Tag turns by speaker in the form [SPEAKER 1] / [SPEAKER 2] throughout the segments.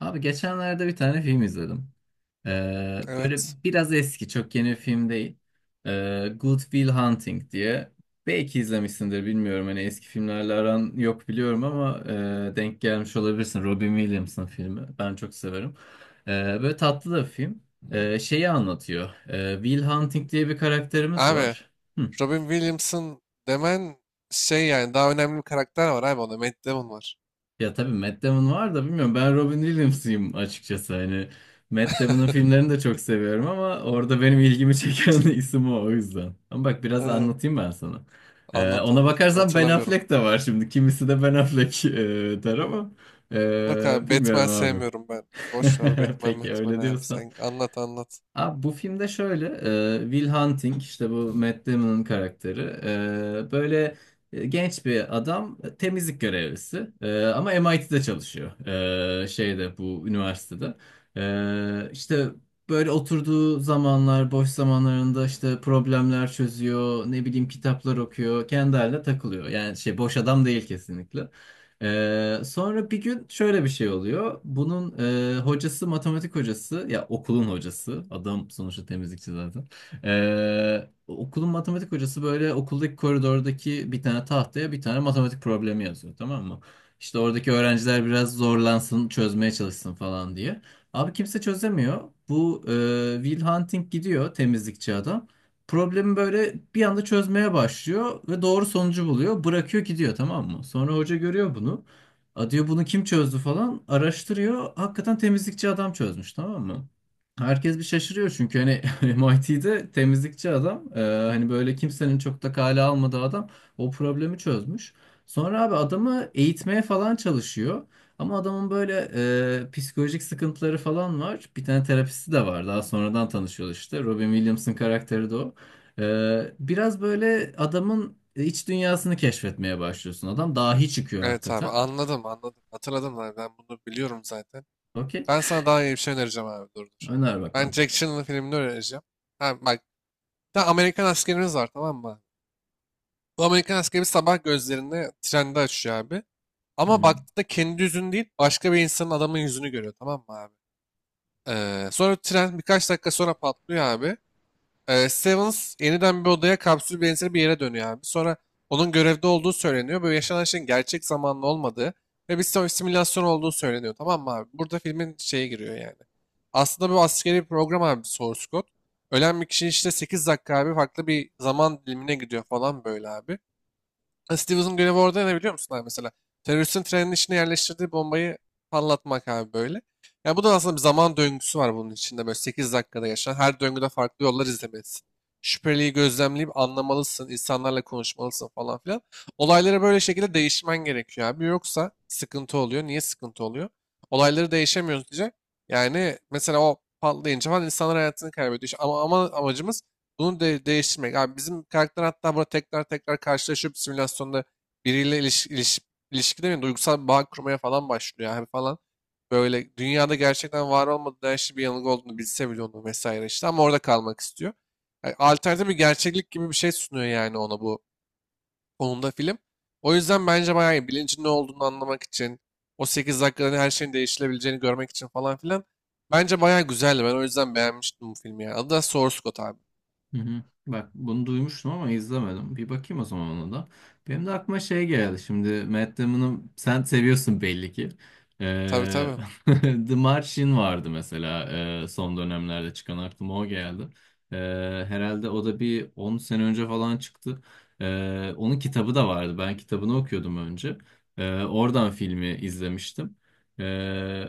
[SPEAKER 1] Abi geçenlerde bir tane film izledim. Böyle
[SPEAKER 2] Evet.
[SPEAKER 1] biraz eski, çok yeni bir film değil. Good Will Hunting diye. Belki izlemişsindir bilmiyorum. Hani eski filmlerle aran yok
[SPEAKER 2] Hı
[SPEAKER 1] biliyorum
[SPEAKER 2] hı.
[SPEAKER 1] ama denk gelmiş olabilirsin. Robin Williams'ın filmi. Ben çok severim. Ee, Böyle tatlı da bir film. Şeyi anlatıyor. Will Hunting diye bir karakterimiz
[SPEAKER 2] Abi
[SPEAKER 1] var. Hı.
[SPEAKER 2] Robin Williamson demen şey yani daha önemli bir karakter var abi, onda Matt Damon var.
[SPEAKER 1] Ya tabii Matt Damon var da bilmiyorum, ben Robin Williams'ıyım açıkçası. Hani Matt Damon'ın filmlerini de çok seviyorum ama orada benim ilgimi çeken isim o yüzden. Ama bak biraz
[SPEAKER 2] Evet,
[SPEAKER 1] anlatayım ben sana.
[SPEAKER 2] anlat
[SPEAKER 1] Ona
[SPEAKER 2] anlat
[SPEAKER 1] bakarsan Ben
[SPEAKER 2] hatırlamıyorum.
[SPEAKER 1] Affleck de var şimdi, kimisi de Ben Affleck der ama
[SPEAKER 2] Yok abi, Batman
[SPEAKER 1] bilmiyorum abi.
[SPEAKER 2] sevmiyorum ben. Boş ver Batman
[SPEAKER 1] Peki
[SPEAKER 2] Batman
[SPEAKER 1] öyle
[SPEAKER 2] abi,
[SPEAKER 1] diyorsan.
[SPEAKER 2] sen anlat anlat.
[SPEAKER 1] Abi bu filmde şöyle, Will Hunting işte bu Matt Damon'ın karakteri. Böyle genç bir adam, temizlik görevlisi. Ama MIT'de çalışıyor. Şeyde, bu üniversitede. İşte böyle oturduğu zamanlar, boş zamanlarında işte problemler çözüyor, ne bileyim kitaplar okuyor, kendi haline takılıyor yani. Şey, boş adam değil kesinlikle. Sonra bir gün şöyle bir şey oluyor. Bunun hocası, matematik hocası ya, okulun hocası. Adam sonuçta temizlikçi zaten. Okulun matematik hocası böyle okuldaki koridordaki bir tane tahtaya bir tane matematik problemi yazıyor, tamam mı? İşte oradaki öğrenciler biraz zorlansın, çözmeye çalışsın falan diye. Abi kimse çözemiyor. Bu Will Hunting gidiyor, temizlikçi adam. Problemi böyle bir anda çözmeye başlıyor ve doğru sonucu buluyor. Bırakıyor gidiyor, tamam mı? Sonra hoca görüyor bunu. A diyor, bunu kim çözdü falan, araştırıyor. Hakikaten temizlikçi adam çözmüş, tamam mı? Herkes bir şaşırıyor çünkü hani MIT'de temizlikçi adam, hani böyle kimsenin çok da kale almadığı adam o problemi çözmüş. Sonra abi adamı eğitmeye falan çalışıyor. Ama adamın böyle psikolojik sıkıntıları falan var. Bir tane terapisti de var. Daha sonradan tanışıyorlar işte. Robin Williams'ın karakteri de o. Biraz böyle adamın iç dünyasını keşfetmeye başlıyorsun. Adam dahi çıkıyor
[SPEAKER 2] Evet abi
[SPEAKER 1] hakikaten.
[SPEAKER 2] anladım anladım. Hatırladım abi, ben bunu biliyorum zaten.
[SPEAKER 1] Okey.
[SPEAKER 2] Ben sana daha iyi bir şey önereceğim abi, dur dur.
[SPEAKER 1] Öner
[SPEAKER 2] Ben
[SPEAKER 1] bakalım.
[SPEAKER 2] Jack Channel'ın filmini önereceğim. Ha bak, bir de Amerikan askerimiz var tamam mı abi? Bu Amerikan askeri sabah gözlerini trende açıyor abi. Ama
[SPEAKER 1] Hı.
[SPEAKER 2] baktığında kendi yüzünü değil başka bir insanın adamın yüzünü görüyor tamam mı abi? Sonra tren birkaç dakika sonra patlıyor abi. Stevens yeniden bir odaya kapsül benzeri bir yere dönüyor abi. Sonra onun görevde olduğu söyleniyor. Böyle yaşanan şeyin gerçek zamanlı olmadığı ve bir simülasyon olduğu söyleniyor tamam mı abi? Burada filmin şeye giriyor yani. Aslında bu askeri bir program abi, source code. Ölen bir kişi işte 8 dakika abi farklı bir zaman dilimine gidiyor falan böyle abi. Ha, Stevenson görevi orada ne biliyor musun abi mesela? Teröristin trenin içine yerleştirdiği bombayı patlatmak abi böyle. Yani bu da aslında bir zaman döngüsü var bunun içinde böyle 8 dakikada yaşanan. Her döngüde farklı yollar izlemelisin. Şüpheliyi gözlemleyip anlamalısın, insanlarla konuşmalısın falan filan. Olayları böyle şekilde değişmen gerekiyor abi. Yoksa sıkıntı oluyor. Niye sıkıntı oluyor? Olayları değişemiyoruz diye. Yani mesela o patlayınca falan insanlar hayatını kaybediyor. İşte ama amacımız bunu de değiştirmek. Abi bizim karakter hatta burada tekrar tekrar karşılaşıp simülasyonda biriyle ilişki demeyeyim, duygusal bir bağ kurmaya falan başlıyor abi falan. Böyle dünyada gerçekten var olmadığı her şey bir yanılgı olduğunu bilse bile onu vesaire işte ama orada kalmak istiyor. Yani alternatif bir gerçeklik gibi bir şey sunuyor yani ona bu konuda film. O yüzden bence bayağı iyi. Bilincin ne olduğunu anlamak için, o 8 dakikada her şeyin değişilebileceğini görmek için falan filan. Bence bayağı güzeldi. Ben o yüzden beğenmiştim bu filmi yani. Adı da Source Code abi.
[SPEAKER 1] Hı hı. Bak bunu duymuştum ama izlemedim. Bir bakayım o zaman ona da. Benim de aklıma şey geldi. Şimdi Matt Damon'ı sen seviyorsun belli ki.
[SPEAKER 2] Tabii
[SPEAKER 1] Ee,
[SPEAKER 2] tabii.
[SPEAKER 1] The Martian vardı mesela, son dönemlerde çıkan aklıma o geldi. Ee, Herhalde o da bir 10 sene önce falan çıktı. Onun kitabı da vardı. Ben kitabını okuyordum önce. Oradan filmi izlemiştim.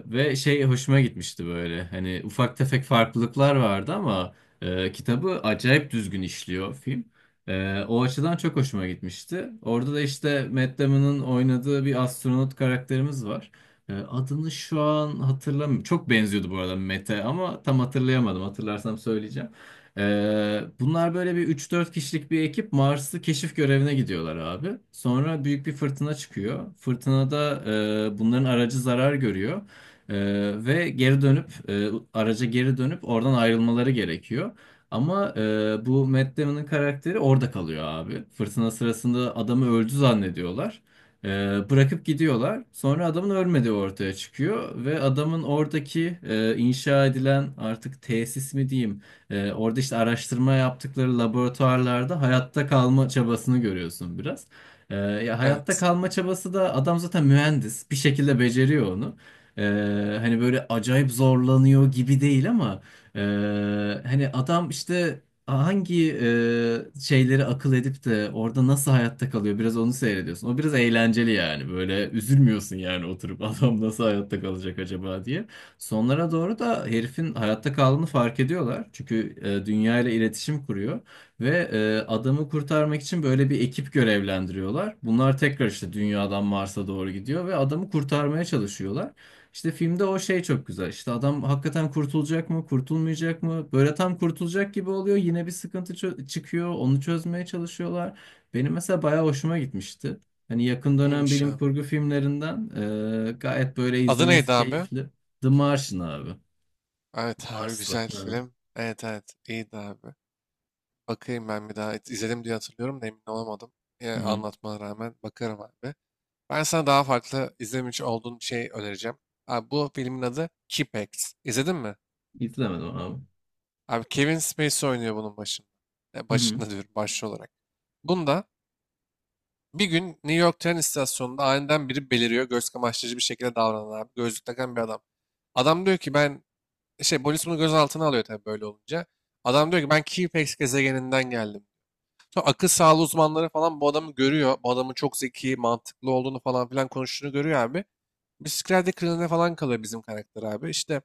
[SPEAKER 1] Ve şey, hoşuma gitmişti böyle. Hani ufak tefek farklılıklar vardı ama kitabı acayip düzgün işliyor film. O açıdan çok hoşuma gitmişti. Orada da işte Matt Damon'ın oynadığı bir astronot karakterimiz var. Adını şu an hatırlamıyorum. Çok benziyordu bu arada Matt'e ama tam hatırlayamadım. Hatırlarsam söyleyeceğim. Bunlar böyle bir üç dört kişilik bir ekip, Mars'ı keşif görevine gidiyorlar abi. Sonra büyük bir fırtına çıkıyor. Fırtınada bunların aracı zarar görüyor. E, Ve geri dönüp, araca geri dönüp oradan ayrılmaları gerekiyor. Ama bu Matt Damon'ın karakteri orada kalıyor abi. Fırtına sırasında adamı öldü zannediyorlar. E, Bırakıp gidiyorlar. Sonra adamın ölmediği ortaya çıkıyor ve adamın oradaki inşa edilen artık, tesis mi diyeyim? Orada işte araştırma yaptıkları laboratuvarlarda hayatta kalma çabasını görüyorsun biraz. Ya, hayatta
[SPEAKER 2] Evet.
[SPEAKER 1] kalma çabası da, adam zaten mühendis, bir şekilde beceriyor onu. E, Hani böyle acayip zorlanıyor gibi değil ama. Hani adam işte hangi şeyleri akıl edip de orada nasıl hayatta kalıyor, biraz onu seyrediyorsun. O biraz eğlenceli yani. Böyle üzülmüyorsun yani, oturup adam nasıl hayatta kalacak acaba diye. Sonlara doğru da herifin hayatta kaldığını fark ediyorlar. Çünkü dünya ile iletişim kuruyor ve adamı kurtarmak için böyle bir ekip görevlendiriyorlar. Bunlar tekrar işte dünyadan Mars'a doğru gidiyor ve adamı kurtarmaya çalışıyorlar. İşte filmde o şey çok güzel. İşte adam hakikaten kurtulacak mı, kurtulmayacak mı? Böyle tam kurtulacak gibi oluyor. Yine bir sıkıntı çıkıyor. Onu çözmeye çalışıyorlar. Benim mesela bayağı hoşuma gitmişti. Hani yakın dönem
[SPEAKER 2] İyiymiş
[SPEAKER 1] bilim
[SPEAKER 2] abi.
[SPEAKER 1] kurgu filmlerinden, gayet böyle
[SPEAKER 2] Adı neydi
[SPEAKER 1] izlemesi
[SPEAKER 2] abi?
[SPEAKER 1] keyifli. The Martian abi.
[SPEAKER 2] Evet abi
[SPEAKER 1] Marslı.
[SPEAKER 2] güzel
[SPEAKER 1] Hı.
[SPEAKER 2] film. Evet evet iyiydi abi. Bakayım ben bir daha. İzledim diye hatırlıyorum da emin olamadım. Ya,
[SPEAKER 1] Hı.
[SPEAKER 2] anlatmana rağmen bakarım abi. Ben sana daha farklı izlemiş olduğun bir şey önereceğim. Abi bu filmin adı Kipex. İzledin mi?
[SPEAKER 1] İzlemedim abi.
[SPEAKER 2] Abi Kevin Spacey oynuyor bunun başında.
[SPEAKER 1] Hı.
[SPEAKER 2] Başında diyorum başlı olarak. Bunda bir gün New York tren istasyonunda aniden biri beliriyor. Göz kamaştırıcı bir şekilde davranan abi. Gözlük takan bir adam. Adam diyor ki ben... Şey, polis bunu gözaltına alıyor tabii böyle olunca. Adam diyor ki ben Keyflex gezegeninden geldim. Sonra akıl sağlığı uzmanları falan bu adamı görüyor. Bu adamın çok zeki, mantıklı olduğunu falan filan konuştuğunu görüyor abi. Bir psikiyatri falan kalıyor bizim karakter abi. İşte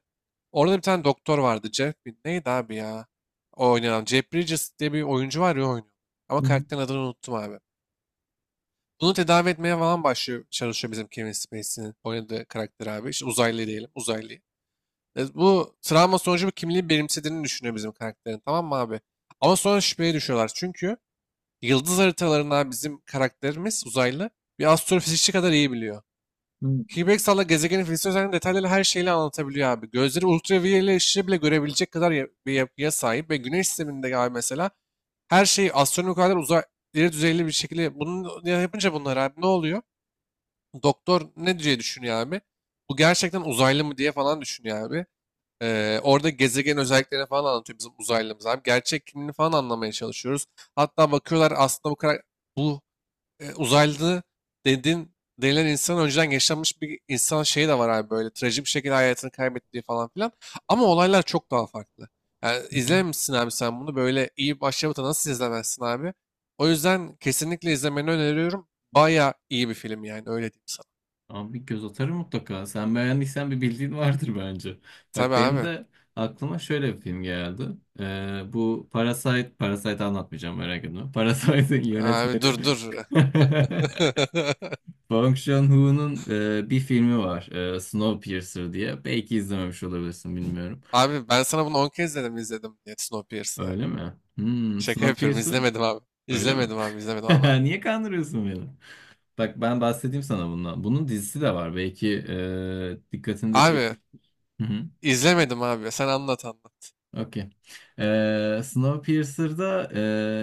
[SPEAKER 2] orada bir tane doktor vardı. Jeff neydi abi ya? O oynayan. Jeff Bridges diye bir oyuncu var ya, o oynuyor. Ama
[SPEAKER 1] Hı hı.
[SPEAKER 2] karakterin adını unuttum abi. Bunu tedavi etmeye falan başlıyor, çalışıyor bizim Kevin Spacey'nin oynadığı karakter abi. İşte uzaylı diyelim, uzaylı. Bu travma sonucu bir kimliği benimsediğini düşünüyor bizim karakterin tamam mı abi? Ama sonra şüpheye düşüyorlar çünkü yıldız haritalarından bizim karakterimiz uzaylı bir astrofizikçi kadar iyi biliyor.
[SPEAKER 1] Hı.
[SPEAKER 2] Higgs'la gezegenin fiziksel özelliklerini detaylarıyla her şeyle anlatabiliyor abi. Gözleri ultraviyole ışığı bile görebilecek kadar bir yapıya sahip ve güneş sisteminde abi mesela her şeyi astronomik kadar uzay ileri düzeyli bir şekilde bunu yapınca bunlar abi ne oluyor? Doktor ne diye düşünüyor abi? Bu gerçekten uzaylı mı diye falan düşünüyor abi. Orada gezegen özelliklerini falan anlatıyor bizim uzaylımız abi. Gerçek kimliğini falan anlamaya çalışıyoruz. Hatta bakıyorlar aslında bu kadar bu uzaylı dedin denilen insan önceden yaşanmış bir insan şeyi de var abi, böyle trajik bir şekilde hayatını kaybettiği falan filan. Ama olaylar çok daha farklı. Yani
[SPEAKER 1] Hı hı.
[SPEAKER 2] izlememişsin abi sen bunu, böyle iyi başlamada nasıl izlemezsin abi? O yüzden kesinlikle izlemeni öneriyorum. Baya iyi bir film yani, öyle diyeyim sana.
[SPEAKER 1] Abi bir göz atarım mutlaka. Sen beğendiysen bir bildiğin vardır bence. Bak
[SPEAKER 2] Tabii
[SPEAKER 1] benim
[SPEAKER 2] abi.
[SPEAKER 1] de aklıma şöyle bir film geldi. Bu Parasite, Parasite anlatmayacağım, merak etme. Parasite'in
[SPEAKER 2] Abi dur
[SPEAKER 1] yönetmeni
[SPEAKER 2] dur.
[SPEAKER 1] Bong Joon-ho'nun bir filmi var. Snowpiercer diye. Belki izlememiş olabilirsin, bilmiyorum.
[SPEAKER 2] Abi ben sana bunu 10 kez dedim izledim diye Snowpiercer'ı.
[SPEAKER 1] Öyle mi? Hmm,
[SPEAKER 2] Şaka yapıyorum
[SPEAKER 1] Snowpiercer
[SPEAKER 2] izlemedim abi.
[SPEAKER 1] öyle mi?
[SPEAKER 2] İzlemedim abi izlemedim anlat.
[SPEAKER 1] Niye kandırıyorsun beni? Bak ben bahsedeyim sana bundan. Bunun dizisi de var. Belki dikkatini de
[SPEAKER 2] Abi
[SPEAKER 1] çekmiş.
[SPEAKER 2] izlemedim abi sen anlat anlat.
[SPEAKER 1] Okey. Snowpiercer'da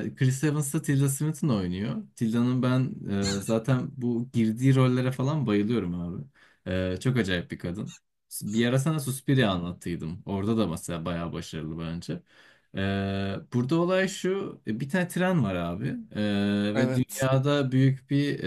[SPEAKER 1] Chris Evans'la Tilda Swinton oynuyor. Tilda'nın ben zaten bu girdiği rollere falan bayılıyorum abi. Çok acayip bir kadın. Bir ara sana Suspiria anlattıydım. Orada da mesela bayağı başarılı bence. Burada olay şu. Bir tane tren var abi. Ve
[SPEAKER 2] Evet
[SPEAKER 1] dünyada büyük bir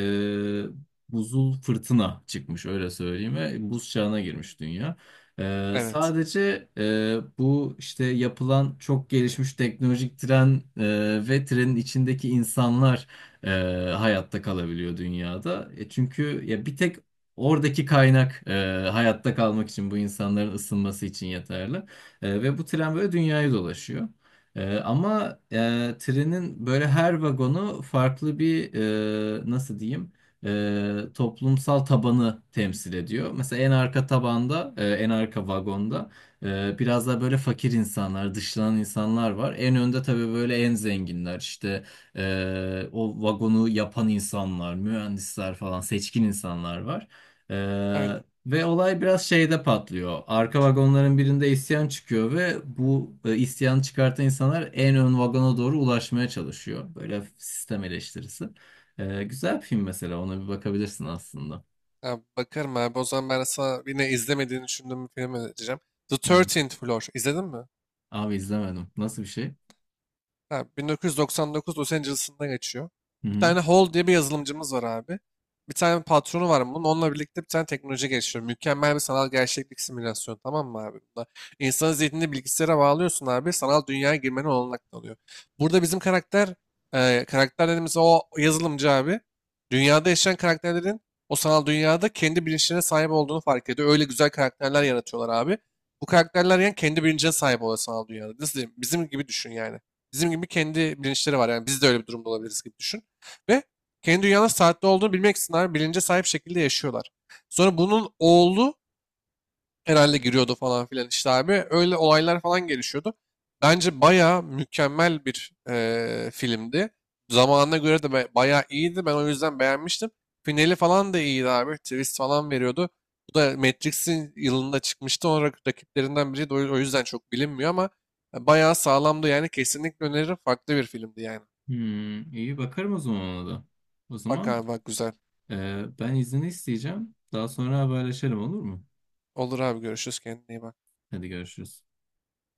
[SPEAKER 1] e, buzul fırtına çıkmış, öyle söyleyeyim. Ve buz çağına girmiş dünya.
[SPEAKER 2] evet
[SPEAKER 1] Sadece bu işte yapılan çok gelişmiş teknolojik tren ve trenin içindeki insanlar e, hayatta kalabiliyor dünyada. Çünkü ya, bir tek oradaki kaynak hayatta kalmak için, bu insanların ısınması için yeterli. Ve bu tren böyle dünyayı dolaşıyor. Ama trenin böyle her vagonu farklı bir, nasıl diyeyim? Toplumsal tabanı temsil ediyor. Mesela en arka tabanda, en arka vagonda biraz daha böyle fakir insanlar, dışlanan insanlar var. En önde tabii böyle en zenginler, işte o vagonu yapan insanlar, mühendisler falan, seçkin insanlar var. E,
[SPEAKER 2] aynen.
[SPEAKER 1] Ve olay biraz şeyde patlıyor. Arka vagonların birinde isyan çıkıyor ve bu isyanı çıkartan insanlar en ön vagona doğru ulaşmaya çalışıyor. Böyle sistem eleştirisi. Güzel bir film mesela. Ona bir bakabilirsin aslında.
[SPEAKER 2] Abi, bakarım abi, o zaman ben sana yine izlemediğini düşündüğüm bir film önereceğim. The
[SPEAKER 1] Hı.
[SPEAKER 2] Thirteenth Floor izledin mi?
[SPEAKER 1] Abi izlemedim. Nasıl bir şey?
[SPEAKER 2] Ha, 1999 Los Angeles'ında geçiyor.
[SPEAKER 1] Hı
[SPEAKER 2] Bir
[SPEAKER 1] hı.
[SPEAKER 2] tane Hall diye bir yazılımcımız var abi. Bir tane patronu var bunun. Onunla birlikte bir tane teknoloji geliştiriyor. Mükemmel bir sanal gerçeklik simülasyonu tamam mı abi? Bunda insanın zihnini bilgisayara bağlıyorsun abi. Sanal dünyaya girmenin olanak tanıyor. Burada bizim karakter, karakter dediğimiz o yazılımcı abi. Dünyada yaşayan karakterlerin o sanal dünyada kendi bilinçlerine sahip olduğunu fark ediyor. Öyle güzel karakterler yaratıyorlar abi. Bu karakterler yani kendi bilincine sahip oluyor sanal dünyada. Nasıl diyeyim? Bizim gibi düşün yani. Bizim gibi kendi bilinçleri var. Yani biz de öyle bir durumda olabiliriz gibi düşün. Ve kendi dünyanın saatte olduğunu bilmek için bilince sahip şekilde yaşıyorlar. Sonra bunun oğlu herhalde giriyordu falan filan işte abi. Öyle olaylar falan gelişiyordu. Bence baya mükemmel bir filmdi. Zamanına göre de bayağı iyiydi. Ben o yüzden beğenmiştim. Finali falan da iyiydi abi. Twist falan veriyordu. Bu da Matrix'in yılında çıkmıştı. Onun rakiplerinden biriydi. O yüzden çok bilinmiyor ama bayağı sağlamdı yani. Kesinlikle öneririm. Farklı bir filmdi yani.
[SPEAKER 1] Hmm, iyi bakarım o zaman ona da. O
[SPEAKER 2] Bak
[SPEAKER 1] zaman
[SPEAKER 2] abi bak güzel.
[SPEAKER 1] ben izni isteyeceğim. Daha sonra haberleşelim, olur mu?
[SPEAKER 2] Olur abi görüşürüz. Kendine iyi bak.
[SPEAKER 1] Hadi görüşürüz.